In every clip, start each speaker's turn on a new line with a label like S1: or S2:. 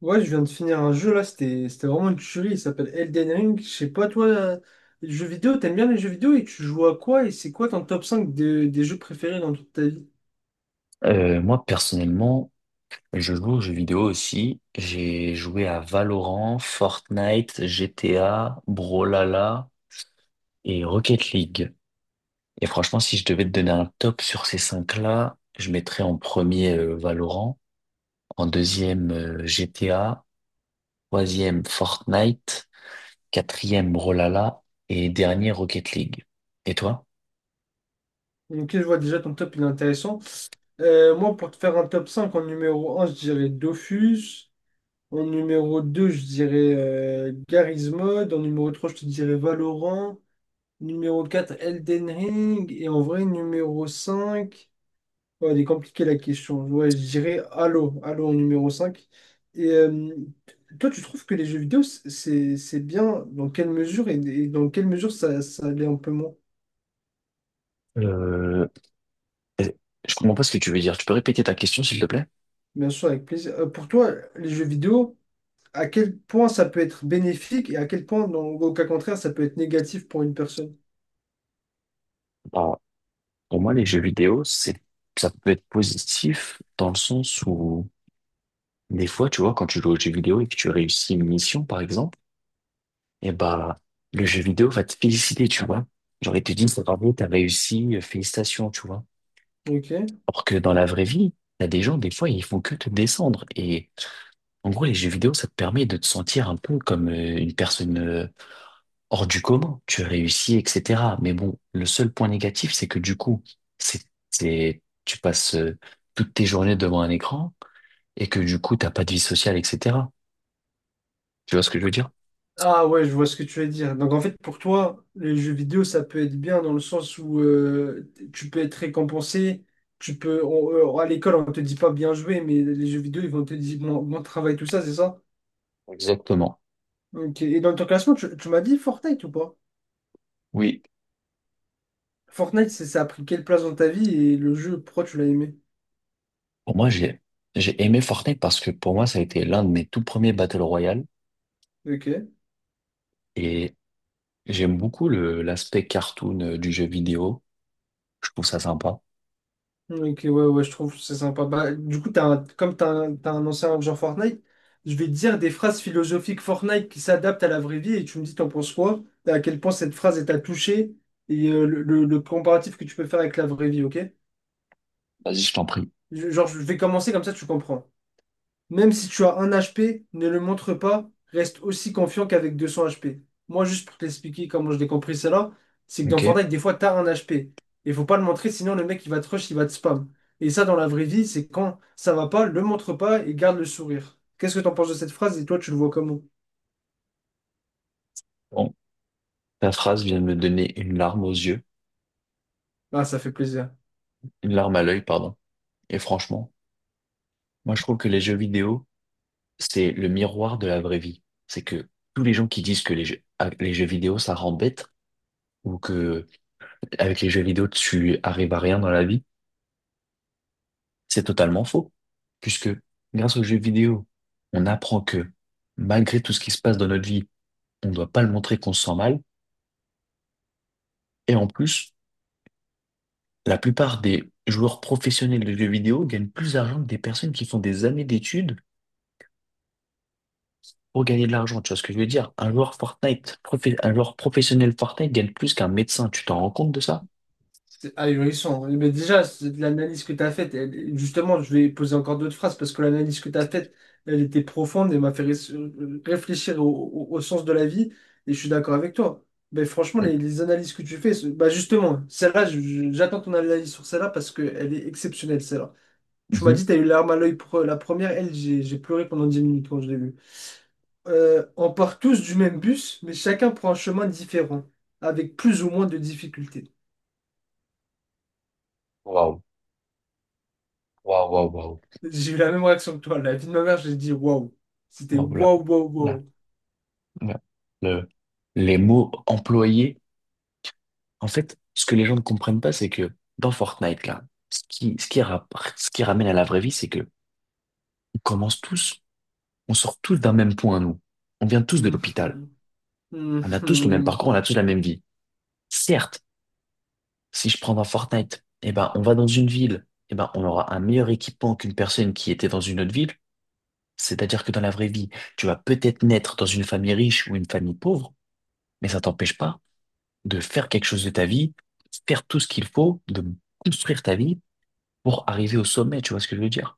S1: Ouais, je viens de finir un jeu là, c'était vraiment une tuerie, il s'appelle Elden Ring. Je sais pas, toi, les jeux vidéo, t'aimes bien les jeux vidéo et tu joues à quoi et c'est quoi ton top cinq des jeux préférés dans toute ta vie?
S2: Moi, personnellement, je joue aux jeux vidéo aussi. J'ai joué à Valorant, Fortnite, GTA, Brawlhalla et Rocket League. Et franchement, si je devais te donner un top sur ces cinq-là, je mettrais en premier Valorant, en deuxième GTA, troisième Fortnite, quatrième Brawlhalla et dernier Rocket League. Et toi?
S1: Ok, je vois déjà ton top, il est intéressant. Moi, pour te faire un top 5, en numéro un, je dirais Dofus. En numéro 2, je dirais Garry's Mod. En numéro 3, je te dirais Valorant. Numéro 4, Elden Ring. Et en vrai, numéro 5. Ouais, elle est compliquée la question. Ouais, je dirais Halo, Halo en numéro cinq. Et toi, tu trouves que les jeux vidéo, c'est bien dans quelle mesure et, dans quelle mesure ça, ça l'est un peu moins?
S2: Euh, je comprends pas ce que tu veux dire. Tu peux répéter ta question, s'il te plaît?
S1: Bien sûr, avec plaisir. Pour toi, les jeux vidéo, à quel point ça peut être bénéfique et à quel point, au cas contraire, ça peut être négatif pour une personne?
S2: Pour moi, les jeux vidéo, ça peut être positif dans le sens où, des fois, tu vois, quand tu joues aux jeux vidéo et que tu réussis une mission, par exemple, et bah, le jeu vidéo va te féliciter, tu vois. Genre, il te dit, c'est bravo, t'as réussi, félicitations, tu vois.
S1: Ok.
S2: Alors que dans la vraie vie, t'as des gens, des fois, ils font que te descendre. Et, en gros, les jeux vidéo, ça te permet de te sentir un peu comme une personne, hors du commun, tu réussis, etc. Mais bon, le seul point négatif, c'est que du coup, c'est, tu passes toutes tes journées devant un écran et que du coup, t'as pas de vie sociale, etc. Tu vois ce que je veux dire?
S1: Ah ouais, je vois ce que tu veux dire. Donc en fait, pour toi, les jeux vidéo, ça peut être bien dans le sens où tu peux être récompensé, à l'école, on te dit pas bien joué, mais les jeux vidéo, ils vont te dire bon, bon travail, tout ça, c'est ça?
S2: Exactement.
S1: Ok. Et dans ton classement, tu m'as dit Fortnite ou pas?
S2: Oui.
S1: Fortnite, ça a pris quelle place dans ta vie et le jeu, pourquoi tu l'as aimé?
S2: Pour moi, j'ai aimé Fortnite parce que pour moi, ça a été l'un de mes tout premiers Battle Royale
S1: Ok.
S2: et j'aime beaucoup l'aspect cartoon du jeu vidéo. Je trouve ça sympa.
S1: Ok, ouais, ouais, je trouve que c'est sympa. Bah, du coup, comme t'as un ancien joueur Fortnite, je vais te dire des phrases philosophiques Fortnite qui s'adaptent à la vraie vie et tu me dis t'en penses quoi, et à quel point cette phrase elle t'a touché et le comparatif que tu peux faire avec la vraie vie, ok?
S2: Vas-y, je t'en prie.
S1: Genre, je vais commencer comme ça, tu comprends. Même si tu as un HP, ne le montre pas, reste aussi confiant qu'avec 200 HP. Moi, juste pour t'expliquer comment je l'ai compris cela, c'est que
S2: Ok.
S1: dans Fortnite, des fois, t'as un HP. Il faut pas le montrer, sinon le mec, il va te rush, il va te spam. Et ça, dans la vraie vie, c'est quand ça va pas, le montre pas et garde le sourire. Qu'est-ce que t'en penses de cette phrase et toi, tu le vois comment?
S2: Bon, ta phrase vient de me donner une larme aux yeux,
S1: Ah, ça fait plaisir.
S2: une larme à l'œil, pardon. Et franchement, moi, je trouve que les jeux vidéo, c'est le miroir de la vraie vie. C'est que tous les gens qui disent que les jeux, ah, les jeux vidéo, ça rend bête ou que avec les jeux vidéo, tu arrives à rien dans la vie, c'est totalement faux. Puisque grâce aux jeux vidéo, on apprend que malgré tout ce qui se passe dans notre vie, on ne doit pas le montrer qu'on se sent mal. Et en plus, la plupart des joueurs professionnels de jeux vidéo gagnent plus d'argent que des personnes qui font des années d'études pour gagner de l'argent, tu vois ce que je veux dire? Un joueur Fortnite, un joueur professionnel Fortnite gagne plus qu'un médecin, tu t'en rends compte de ça?
S1: C'est ahurissant. Mais déjà, l'analyse que tu as faite, justement, je vais poser encore d'autres phrases parce que l'analyse que tu as faite, elle était profonde et m'a fait réfléchir au, au sens de la vie. Et je suis d'accord avec toi. Mais franchement,
S2: Mm.
S1: les analyses que tu fais, bah justement, celle-là, j'attends ton analyse sur celle-là parce qu'elle est exceptionnelle, celle-là. Tu m'as
S2: Mhm.
S1: dit, tu as eu larme à l'œil pour la première. Elle, j'ai pleuré pendant 10 minutes quand je l'ai vue. On part tous du même bus, mais chacun prend un chemin différent, avec plus ou moins de difficultés.
S2: Waouh, waouh, waouh, waouh.
S1: J'ai eu la même réaction que toi. La vie de ma mère, j'ai dit waouh. C'était
S2: Wow, là,
S1: waouh, waouh,
S2: là,
S1: waouh.
S2: là. Le- les mots employés, en fait, ce que les gens ne comprennent pas, c'est que dans Fortnite, là, ce qui, ce qui, ra- ce qui ramène à la vraie vie, c'est que on commence tous, on sort tous d'un même point, nous. On vient tous de l'hôpital.
S1: Mhm.
S2: On a tous le même parcours,
S1: Mhm.
S2: on a tous la même vie. Certes, si je prends dans Fortnite, eh ben, on va dans une ville, eh ben, on aura un meilleur équipement qu'une personne qui était dans une autre ville. C'est-à-dire que dans la vraie vie, tu vas peut-être naître dans une famille riche ou une famille pauvre, mais ça t'empêche pas de faire quelque chose de ta vie, faire tout ce qu'il faut, de construire ta vie pour arriver au sommet, tu vois ce que je veux dire?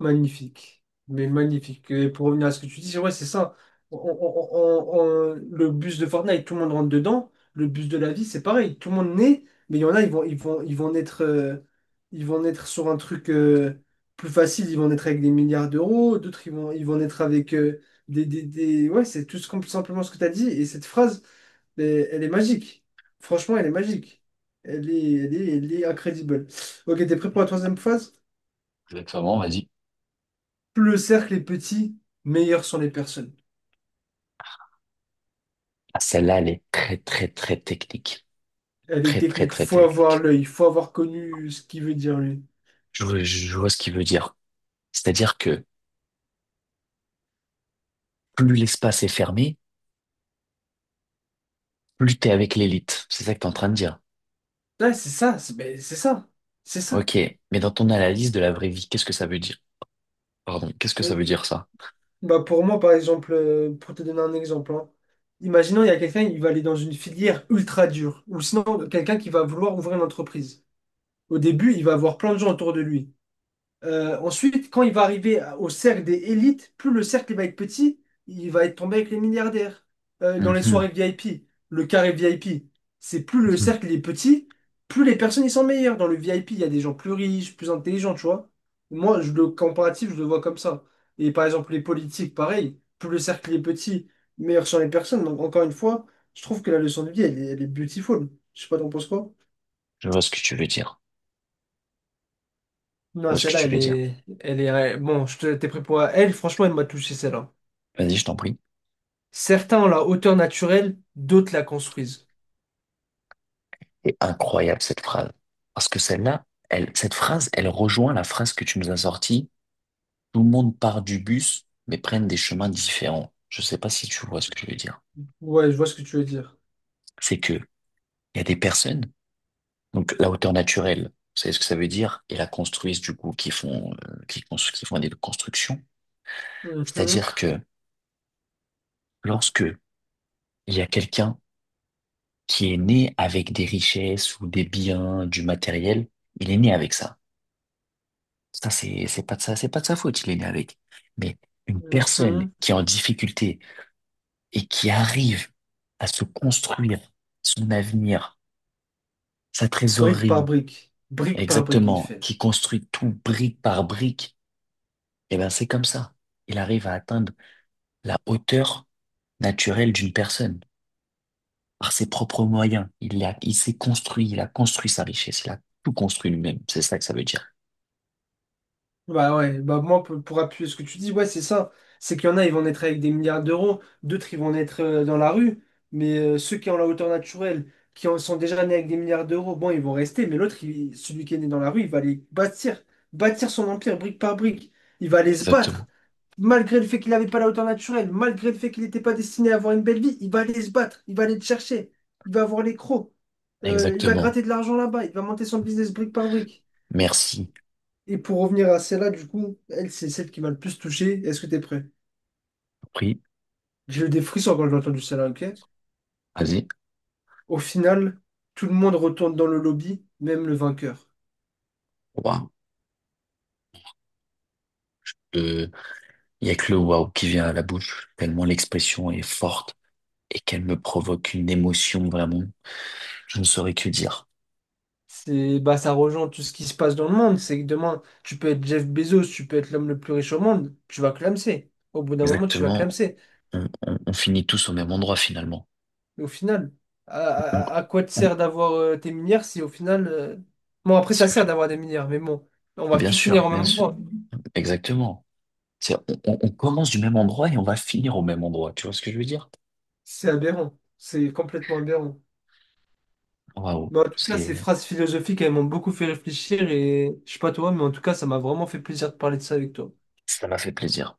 S1: Magnifique. Mais magnifique. Et pour revenir à ce que tu dis, c'est ouais, c'est ça. On- on- le bus de Fortnite, tout le monde rentre dedans. Le bus de la vie, c'est pareil. Tout le monde naît, mais il y en a, ils vont naître sur un truc plus facile. Ils vont naître avec des milliards d'euros. D'autres, ils vont naître avec Ouais, c'est tout simplement ce que tu as dit. Et cette phrase. Mais elle est magique. Franchement, elle est magique. Elle est incredible. Ok, t'es prêt pour la troisième phase?
S2: Exactement, vas-y.
S1: Plus le cercle est petit, meilleures sont les personnes.
S2: Ah, celle-là, elle est très, très, très technique.
S1: Elle est
S2: Très, très,
S1: technique.
S2: très
S1: Faut avoir
S2: technique.
S1: l'œil. Faut avoir connu ce qu'il veut dire lui.
S2: Je vois ce qu'il veut dire. C'est-à-dire que plus l'espace est fermé, plus t'es avec l'élite. C'est ça que t'es en train de dire.
S1: Ouais, c'est ça. C'est ben, c'est ça. C'est ça.
S2: Ok, mais dans ton analyse de la vraie vie, qu'est-ce que ça veut dire? Pardon, qu'est-ce que
S1: Euh,
S2: ça veut dire ça?
S1: Bah pour moi, par exemple, pour te donner un exemple, hein, imaginons il y a quelqu'un qui va aller dans une filière ultra dure, ou sinon quelqu'un qui va vouloir ouvrir une entreprise. Au début, il va avoir plein de gens autour de lui. Ensuite, quand il va arriver au cercle des élites, plus le cercle il va être petit, il va être tombé avec les milliardaires. Dans les soirées
S2: Mhm,
S1: VIP, le carré VIP, c'est plus le
S2: mhm.
S1: cercle il est petit, plus les personnes ils sont meilleures. Dans le VIP, il y a des gens plus riches, plus intelligents, tu vois. Moi, le comparatif, je le vois comme ça. Et par exemple, les politiques, pareil, plus le cercle il est petit, meilleures sont les personnes. Donc, encore une fois, je trouve que la leçon de vie, elle est beautiful. Je sais pas, t'en penses quoi?
S2: Je vois ce que tu veux dire. Je
S1: Non,
S2: vois ce que
S1: celle-là,
S2: tu veux dire.
S1: elle est, bon, t'es prêt pour elle. Franchement, elle m'a touché celle-là.
S2: Vas-y, je t'en prie.
S1: Certains ont la hauteur naturelle, d'autres la construisent.
S2: C'est incroyable cette phrase. Parce que celle-là, elle, cette phrase, elle rejoint la phrase que tu nous as sortie. Tout le monde part du bus, mais prennent des chemins différents. Je sais pas si tu vois ce que je veux dire.
S1: Ouais, je vois ce que tu veux dire.
S2: C'est que il y a des personnes. Donc la hauteur naturelle, vous savez ce que ça veut dire? Et la construisent du coup qui font qui font des constructions.
S1: Mhm,
S2: C'est-à-dire que lorsque il y a quelqu'un qui est né avec des richesses ou des biens, du matériel, il est né avec ça. Ça c'est pas de ça, c'est pas de sa faute, il est né avec. Mais une personne
S1: mhm.
S2: qui est en difficulté et qui arrive à se construire son avenir, sa trésorerie,
S1: Brique par brique, il
S2: exactement,
S1: fait.
S2: qui construit tout brique par brique, eh ben c'est comme ça il arrive à atteindre la hauteur naturelle d'une personne par ses propres moyens. Il s'est construit, il a construit sa richesse, il a tout construit lui-même. C'est ça que ça veut dire.
S1: Bah ouais, bah moi pour appuyer ce que tu dis, ouais, c'est ça. C'est qu'il y en a, ils vont naître avec des milliards d'euros, d'autres, ils vont naître dans la rue, mais ceux qui ont la hauteur naturelle, qui en sont déjà nés avec des milliards d'euros, bon, ils vont rester, mais l'autre, celui qui est né dans la rue, il va aller bâtir, bâtir son empire brique par brique. Il va aller se battre,
S2: Exactement.
S1: malgré le fait qu'il n'avait pas la hauteur naturelle, malgré le fait qu'il n'était pas destiné à avoir une belle vie, il va aller se battre, il va aller le chercher, il va avoir les crocs. Il va
S2: Exactement.
S1: gratter de l'argent là-bas, il va monter son business brique par brique.
S2: Merci.
S1: Et pour revenir à celle-là, du coup, elle, c'est celle qui m'a le plus touché. Est-ce que t'es prêt?
S2: Pris,
S1: J'ai eu des frissons quand j'ai entendu celle-là, ok?
S2: vas-y.
S1: Au final, tout le monde retourne dans le lobby, même le vainqueur.
S2: Waouh. Euh, Il y a que le waouh qui vient à la bouche, tellement l'expression est forte et qu'elle me provoque une émotion vraiment. Je ne saurais que dire.
S1: C'est, bah, ça rejoint tout ce qui se passe dans le monde. C'est que demain, tu peux être Jeff Bezos, tu peux être l'homme le plus riche au monde, tu vas clamser. Au bout d'un moment, tu vas
S2: Exactement.
S1: clamser.
S2: On finit tous au même endroit finalement.
S1: Mais au final,
S2: On-
S1: à quoi te
S2: on-
S1: sert d'avoir tes milliards si au final. Bon, après, ça sert d'avoir des milliards, mais bon, on va
S2: bien
S1: tous
S2: sûr,
S1: finir au
S2: bien
S1: même
S2: sûr.
S1: endroit.
S2: Exactement. On commence du même endroit et on va finir au même endroit. Tu vois ce que je veux dire?
S1: C'est aberrant. C'est complètement aberrant.
S2: Waouh,
S1: Mais en tout cas, ces
S2: c'est,
S1: phrases philosophiques, elles m'ont beaucoup fait réfléchir et je sais pas toi, mais en tout cas, ça m'a vraiment fait plaisir de parler de ça avec toi.
S2: ça m'a fait plaisir.